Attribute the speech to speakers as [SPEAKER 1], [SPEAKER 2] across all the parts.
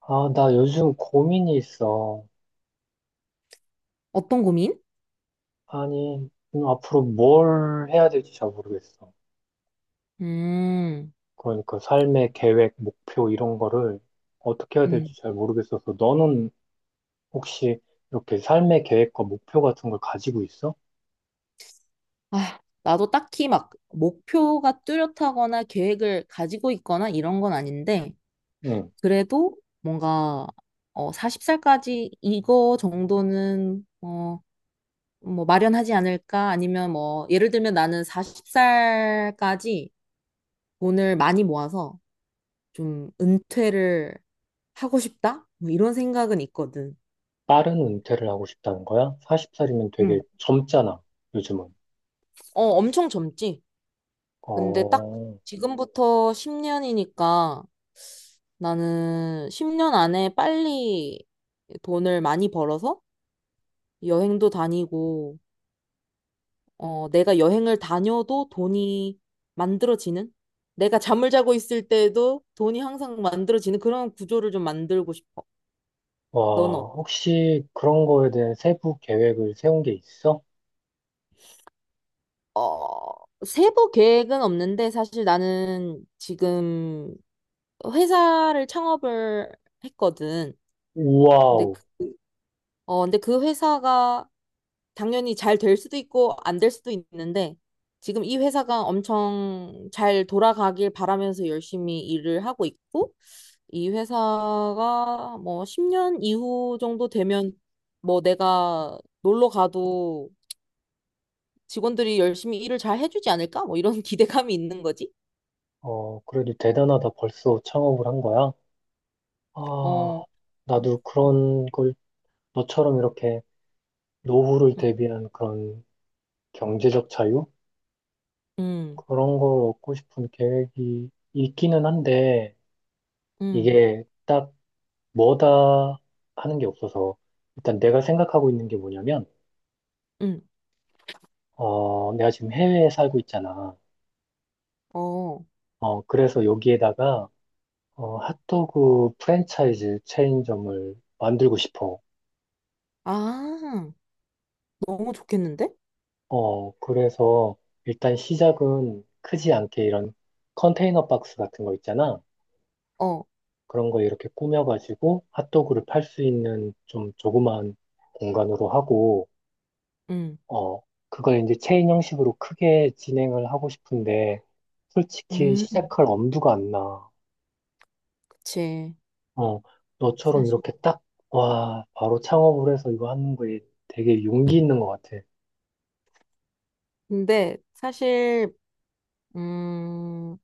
[SPEAKER 1] 아, 나 요즘 고민이 있어.
[SPEAKER 2] 어떤 고민?
[SPEAKER 1] 아니, 앞으로 뭘 해야 될지 잘 모르겠어.
[SPEAKER 2] 음,
[SPEAKER 1] 그러니까 삶의 계획, 목표 이런 거를 어떻게 해야
[SPEAKER 2] 음.
[SPEAKER 1] 될지 잘 모르겠어서 너는 혹시 이렇게 삶의 계획과 목표 같은 걸 가지고 있어?
[SPEAKER 2] 아, 나도 딱히 막 목표가 뚜렷하거나 계획을 가지고 있거나 이런 건 아닌데,
[SPEAKER 1] 응.
[SPEAKER 2] 그래도 뭔가, 40살까지 이거 정도는, 뭐 마련하지 않을까? 아니면 뭐, 예를 들면 나는 40살까지 돈을 많이 모아서 좀 은퇴를 하고 싶다? 뭐 이런 생각은 있거든.
[SPEAKER 1] 빠른 은퇴를 하고 싶다는 거야? 40살이면 되게
[SPEAKER 2] 응,
[SPEAKER 1] 젊잖아, 요즘은.
[SPEAKER 2] 엄청 젊지? 근데 딱
[SPEAKER 1] 어,
[SPEAKER 2] 지금부터 10년이니까, 나는 10년 안에 빨리 돈을 많이 벌어서 여행도 다니고, 내가 여행을 다녀도 돈이 만들어지는? 내가 잠을 자고 있을 때도 돈이 항상 만들어지는 그런 구조를 좀 만들고 싶어.
[SPEAKER 1] 와,
[SPEAKER 2] 넌
[SPEAKER 1] 혹시 그런 거에 대한 세부 계획을 세운 게 있어?
[SPEAKER 2] 세부 계획은 없는데 사실 나는 지금 회사를 창업을 했거든. 근데
[SPEAKER 1] 우와우.
[SPEAKER 2] 그, 근데 그 회사가 당연히 잘 될 수도 있고 안 될 수도 있는데 지금 이 회사가 엄청 잘 돌아가길 바라면서 열심히 일을 하고 있고 이 회사가 뭐 10년 이후 정도 되면 뭐 내가 놀러 가도 직원들이 열심히 일을 잘 해주지 않을까? 뭐 이런 기대감이 있는 거지.
[SPEAKER 1] 어, 그래도 대단하다. 벌써 창업을 한 거야? 아,
[SPEAKER 2] 어,
[SPEAKER 1] 나도 그런 걸 너처럼 이렇게 노후를
[SPEAKER 2] 음,
[SPEAKER 1] 대비한 그런 경제적 자유?
[SPEAKER 2] 음,
[SPEAKER 1] 그런 걸 얻고 싶은 계획이 있기는 한데,
[SPEAKER 2] 음,
[SPEAKER 1] 이게 딱 뭐다 하는 게 없어서, 일단 내가 생각하고 있는 게 뭐냐면,
[SPEAKER 2] 음.
[SPEAKER 1] 어, 내가 지금 해외에 살고 있잖아.
[SPEAKER 2] 어,
[SPEAKER 1] 어, 그래서 여기에다가, 어, 핫도그 프랜차이즈 체인점을 만들고 싶어.
[SPEAKER 2] 아, 너무 좋겠는데?
[SPEAKER 1] 어, 그래서 일단 시작은 크지 않게 이런 컨테이너 박스 같은 거 있잖아.
[SPEAKER 2] 어,
[SPEAKER 1] 그런 거 이렇게 꾸며가지고 핫도그를 팔 수 있는 좀 조그마한 공간으로 하고,
[SPEAKER 2] 음,
[SPEAKER 1] 어, 그걸 이제 체인 형식으로 크게 진행을 하고 싶은데, 솔직히
[SPEAKER 2] 음,
[SPEAKER 1] 시작할 엄두가 안 나.
[SPEAKER 2] 그치.
[SPEAKER 1] 어, 너처럼
[SPEAKER 2] 사실.
[SPEAKER 1] 이렇게 딱, 와, 바로 창업을 해서 이거 하는 거에 되게 용기 있는 것 같아.
[SPEAKER 2] 근데 사실 음,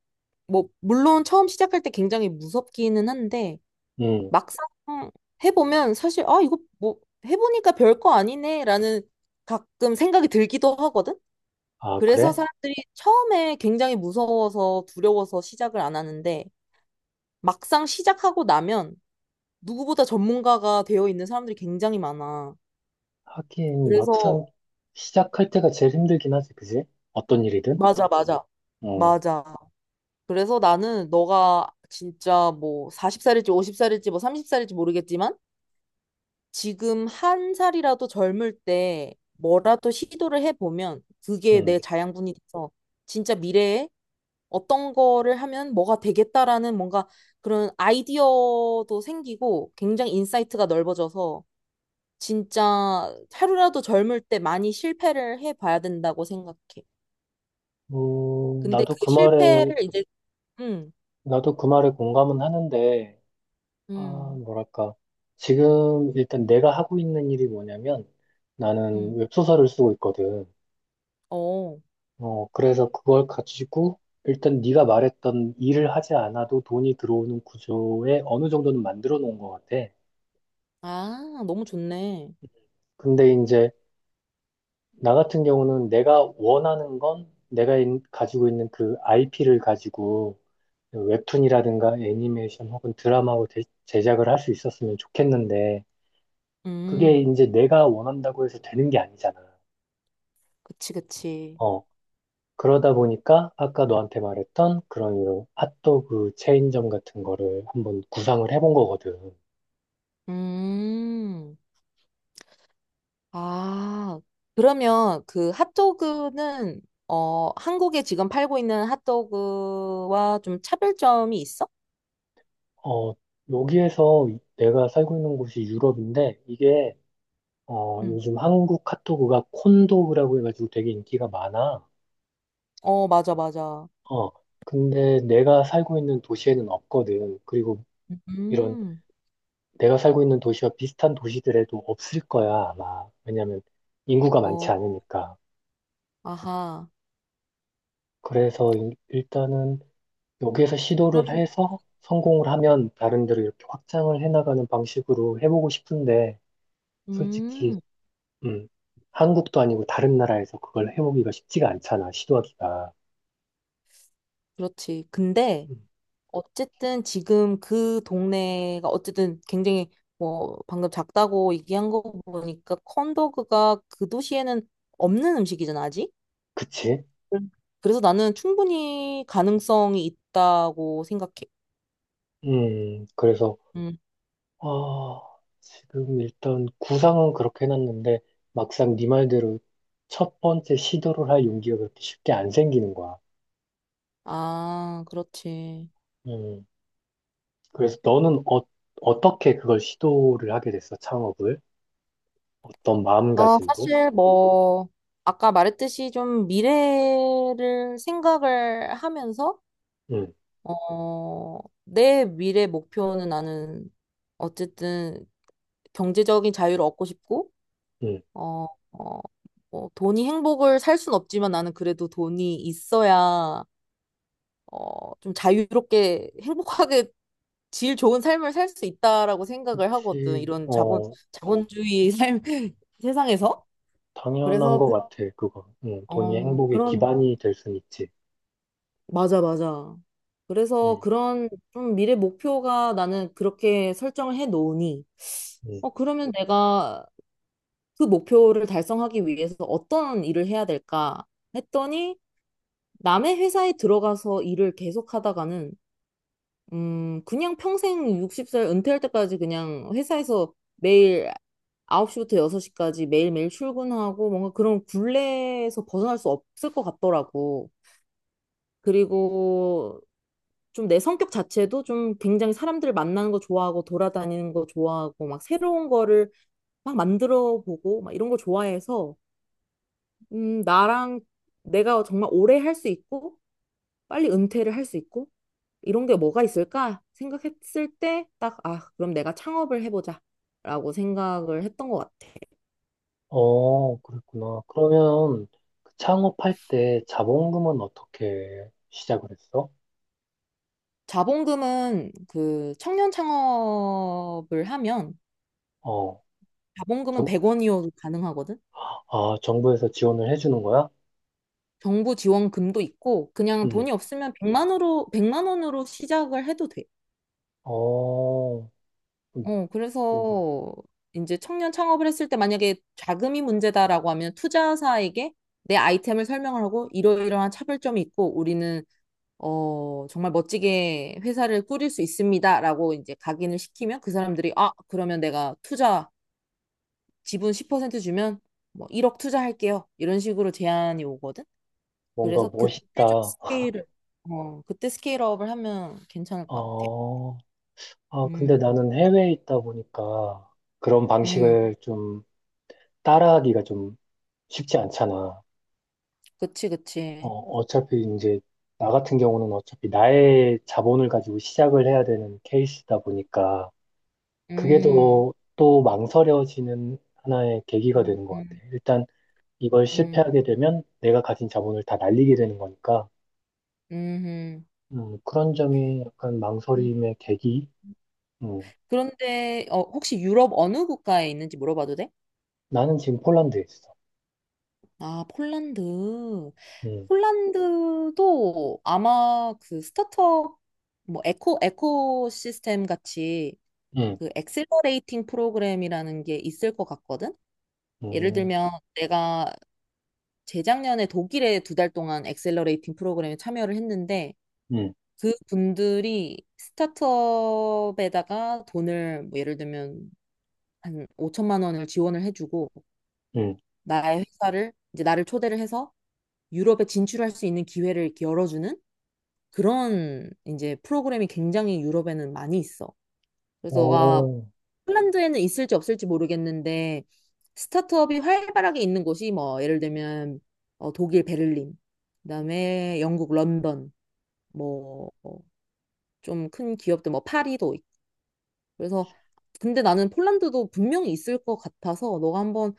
[SPEAKER 2] 뭐, 물론 처음 시작할 때 굉장히 무섭기는 한데,
[SPEAKER 1] 응.
[SPEAKER 2] 막상 해보면 사실, 아, 이거 뭐, 해보니까 별 거 아니네, 라는 가끔 생각이 들기도 하거든?
[SPEAKER 1] 아,
[SPEAKER 2] 그래서
[SPEAKER 1] 그래?
[SPEAKER 2] 사람들이 처음에 굉장히 무서워서 두려워서 시작을 안 하는데, 막상 시작하고 나면 누구보다 전문가가 되어 있는 사람들이 굉장히 많아.
[SPEAKER 1] 하긴
[SPEAKER 2] 그래서,
[SPEAKER 1] 막상 시작할 때가 제일 힘들긴 하지, 그지? 어떤 일이든.
[SPEAKER 2] 맞아, 맞아,
[SPEAKER 1] 어,
[SPEAKER 2] 맞아. 그래서 나는 너가 진짜 뭐 40살일지 50살일지 뭐 30살일지 모르겠지만, 지금 한 살이라도 젊을 때 뭐라도 시도를 해보면 그게
[SPEAKER 1] 음.
[SPEAKER 2] 내 자양분이 돼서 진짜 미래에 어떤 거를 하면 뭐가 되겠다라는 뭔가 그런 아이디어도 생기고 굉장히 인사이트가 넓어져서 진짜 하루라도 젊을 때 많이 실패를 해봐야 된다고 생각해. 근데 그
[SPEAKER 1] 나도 그 말에,
[SPEAKER 2] 실패를 이제, 음,
[SPEAKER 1] 나도 그 말에 공감은 하는데, 아,
[SPEAKER 2] 음,
[SPEAKER 1] 뭐랄까. 지금 일단 내가 하고 있는 일이 뭐냐면
[SPEAKER 2] 음,
[SPEAKER 1] 나는 웹소설을 쓰고 있거든.
[SPEAKER 2] 어,
[SPEAKER 1] 어, 그래서 그걸 가지고 일단 네가 말했던 일을 하지 않아도 돈이 들어오는 구조에 어느 정도는 만들어 놓은 것 같아.
[SPEAKER 2] 아, 너무 좋네.
[SPEAKER 1] 근데 이제 나 같은 경우는 내가 원하는 건 내가 가지고 있는 그 IP를 가지고 웹툰이라든가 애니메이션 혹은 드라마로 제작을 할 수 있었으면 좋겠는데 그게
[SPEAKER 2] 음,
[SPEAKER 1] 이제 내가 원한다고 해서 되는 게 아니잖아.
[SPEAKER 2] 그치, 그치.
[SPEAKER 1] 어, 그러다 보니까 아까 너한테 말했던 그런 이런 핫도그 체인점 같은 거를 한번 구상을 해본 거거든.
[SPEAKER 2] 음. 아, 그러면 그 핫도그는 한국에 지금 팔고 있는 핫도그와 좀 차별점이 있어?
[SPEAKER 1] 어, 여기에서 내가 살고 있는 곳이 유럽인데 이게 어,
[SPEAKER 2] 응.
[SPEAKER 1] 요즘 한국 핫도그가 콘도그라고 해가지고 되게 인기가 많아.
[SPEAKER 2] 어, 맞아, 맞아.
[SPEAKER 1] 어, 근데 내가 살고 있는 도시에는 없거든. 그리고 이런
[SPEAKER 2] 음,
[SPEAKER 1] 내가 살고 있는 도시와 비슷한 도시들에도 없을 거야, 아마. 왜냐면 인구가
[SPEAKER 2] 어,
[SPEAKER 1] 많지 않으니까.
[SPEAKER 2] 아하.
[SPEAKER 1] 그래서 일단은 여기에서 시도를
[SPEAKER 2] 그럼,
[SPEAKER 1] 해서 성공을 하면 다른 데로 이렇게 확장을 해나가는 방식으로 해보고 싶은데, 솔직히,
[SPEAKER 2] 음,
[SPEAKER 1] 음, 한국도 아니고 다른 나라에서 그걸 해보기가 쉽지가 않잖아, 시도하기가.
[SPEAKER 2] 그렇지. 근데
[SPEAKER 1] 음,
[SPEAKER 2] 어쨌든 지금 그 동네가 어쨌든 굉장히 뭐 방금 작다고 얘기한 거 보니까 콘도그가 그 도시에는 없는 음식이잖아, 아직?
[SPEAKER 1] 그치?
[SPEAKER 2] 음. 그래서 나는 충분히 가능성이 있다고 생각해.
[SPEAKER 1] 그래서
[SPEAKER 2] 음.
[SPEAKER 1] 아, 지금 일단 구상은 그렇게 해놨는데 막상 네 말대로 첫 번째 시도를 할 용기가 그렇게 쉽게 안 생기는 거야.
[SPEAKER 2] 아, 그렇지.
[SPEAKER 1] 음, 그래서 너는 어, 어떻게 그걸 시도를 하게 됐어? 창업을? 어떤
[SPEAKER 2] 아,
[SPEAKER 1] 마음가짐으로?
[SPEAKER 2] 사실 뭐, 아까 말했듯이 좀 미래를 생각을 하면서,
[SPEAKER 1] 음,
[SPEAKER 2] 어, 내 미래 목표는 나는 어쨌든 경제적인 자유를 얻고 싶고,
[SPEAKER 1] 음,
[SPEAKER 2] 어, 어, 뭐 돈이 행복을 살 순 없지만 나는 그래도 돈이 있어야, 좀 자유롭게 행복하게 질 좋은 삶을 살 수 있다라고 생각을 하거든.
[SPEAKER 1] 그치.
[SPEAKER 2] 이런 자본,
[SPEAKER 1] 어,
[SPEAKER 2] 자본주의 삶, 세상에서.
[SPEAKER 1] 당연한
[SPEAKER 2] 그래서
[SPEAKER 1] 것 같아, 그거. 돈이 행복의
[SPEAKER 2] 그런
[SPEAKER 1] 기반이 될 순 있지.
[SPEAKER 2] 맞아, 맞아. 그래서
[SPEAKER 1] 음,
[SPEAKER 2] 그런 좀 미래 목표가 나는 그렇게 설정을 해 놓으니
[SPEAKER 1] 음.
[SPEAKER 2] 그러면 내가 그 목표를 달성하기 위해서 어떤 일을 해야 될까 했더니 남의 회사에 들어가서 일을 계속 하다가는 그냥 평생 60살 은퇴할 때까지 그냥 회사에서 매일 9시부터 6시까지 매일매일 출근하고 뭔가 그런 굴레에서 벗어날 수 없을 것 같더라고. 그리고 좀 내 성격 자체도 좀 굉장히 사람들 만나는 거 좋아하고 돌아다니는 거 좋아하고 막 새로운 거를 막 만들어 보고 막 이런 거 좋아해서 나랑 내가 정말 오래 할 수 있고 빨리 은퇴를 할 수 있고 이런 게 뭐가 있을까 생각했을 때 딱 아, 그럼 내가 창업을 해보자 라고 생각을 했던 것 같아.
[SPEAKER 1] 어, 그랬구나. 그러면 그 창업할 때 자본금은 어떻게 시작을 했어?
[SPEAKER 2] 자본금은 그 청년 창업을 하면
[SPEAKER 1] 어.
[SPEAKER 2] 자본금은
[SPEAKER 1] 정,
[SPEAKER 2] 100원이어도 가능하거든.
[SPEAKER 1] 아, 정부에서 지원을 해주는 거야?
[SPEAKER 2] 정부 지원금도 있고 그냥
[SPEAKER 1] 응.
[SPEAKER 2] 돈이 없으면 100만 원으로 100만 원으로 시작을 해도 돼.
[SPEAKER 1] 어, 음, 뭔가,
[SPEAKER 2] 그래서 이제 청년 창업을 했을 때 만약에 자금이 문제다라고 하면 투자사에게 내 아이템을 설명을 하고 이러이러한 차별점이 있고 우리는 정말 멋지게 회사를 꾸릴 수 있습니다라고 이제 각인을 시키면 그 사람들이 아, 그러면 내가 투자 지분 10% 주면 뭐 1억 투자할게요. 이런 식으로 제안이 오거든.
[SPEAKER 1] 뭔가
[SPEAKER 2] 그래서 그때 좀
[SPEAKER 1] 멋있다.
[SPEAKER 2] 스케일을, 그때 스케일업을 하면 괜찮을 것 같아.
[SPEAKER 1] 어, 아, 근데
[SPEAKER 2] 음,
[SPEAKER 1] 나는 해외에 있다 보니까 그런
[SPEAKER 2] 음,
[SPEAKER 1] 방식을 좀 따라하기가 좀 쉽지 않잖아.
[SPEAKER 2] 그치,
[SPEAKER 1] 어,
[SPEAKER 2] 그치.
[SPEAKER 1] 어차피 이제, 나 같은 경우는 어차피 나의 자본을 가지고 시작을 해야 되는 케이스다 보니까 그게
[SPEAKER 2] 음,
[SPEAKER 1] 또, 또 망설여지는 하나의 계기가
[SPEAKER 2] 음,
[SPEAKER 1] 되는 것 같아.
[SPEAKER 2] 음,
[SPEAKER 1] 일단 이걸
[SPEAKER 2] 음,
[SPEAKER 1] 실패하게 되면 내가 가진 자본을 다 날리게 되는 거니까.
[SPEAKER 2] 음.
[SPEAKER 1] 그런 점이 약간
[SPEAKER 2] 음.
[SPEAKER 1] 망설임의 계기? 음,
[SPEAKER 2] 그런데, 혹시 유럽 어느 국가에 있는지 물어봐도 돼?
[SPEAKER 1] 나는 지금 폴란드에 있어.
[SPEAKER 2] 아, 폴란드.
[SPEAKER 1] 음,
[SPEAKER 2] 폴란드도 아마 그 스타트업, 뭐, 에코 시스템 같이
[SPEAKER 1] 음,
[SPEAKER 2] 그 엑셀러레이팅 프로그램이라는 게 있을 것 같거든? 예를
[SPEAKER 1] 음,
[SPEAKER 2] 들면 내가 재작년에 독일에 2달 동안 엑셀러레이팅 프로그램에 참여를 했는데
[SPEAKER 1] 음,
[SPEAKER 2] 그 분들이 스타트업에다가 돈을 뭐 예를 들면 한 5천만 원을 지원을 해주고
[SPEAKER 1] 음.
[SPEAKER 2] 나의 회사를 이제 나를 초대를 해서 유럽에 진출할 수 있는 기회를 이렇게 열어주는 그런 이제 프로그램이 굉장히 유럽에는 많이 있어. 그래서 너가
[SPEAKER 1] 오,
[SPEAKER 2] 폴란드에는 있을지 없을지 모르겠는데 스타트업이 활발하게 있는 곳이 뭐 예를 들면 독일 베를린, 그다음에 영국 런던, 뭐 좀큰 기업들 뭐 파리도 있고. 그래서 근데 나는 폴란드도 분명히 있을 것 같아서 너가 한번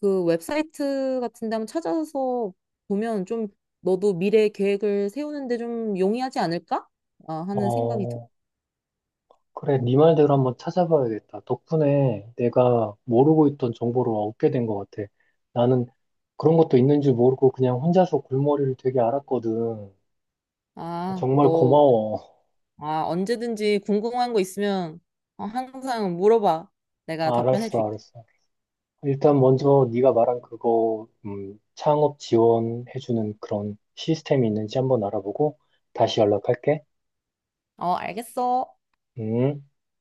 [SPEAKER 2] 그 웹사이트 같은 데 한번 찾아서 보면 좀 너도 미래 계획을 세우는데 좀 용이하지 않을까? 아, 하는 생각이 들.
[SPEAKER 1] 어, 그래, 네 말대로 한번 찾아봐야겠다. 덕분에 내가 모르고 있던 정보를 얻게 된 것 같아. 나는 그런 것도 있는 줄 모르고 그냥 혼자서 골머리를 되게 앓았거든.
[SPEAKER 2] 아,
[SPEAKER 1] 정말
[SPEAKER 2] 너
[SPEAKER 1] 고마워.
[SPEAKER 2] 아, 언제든지 궁금한 거 있으면 항상 물어봐. 내가 답변해
[SPEAKER 1] 알았어,
[SPEAKER 2] 줄게.
[SPEAKER 1] 알았어. 일단
[SPEAKER 2] 어,
[SPEAKER 1] 먼저 네가 말한 그거 창업 지원해주는 그런 시스템이 있는지 한번 알아보고 다시 연락할게.
[SPEAKER 2] 어, 알겠어.
[SPEAKER 1] 음.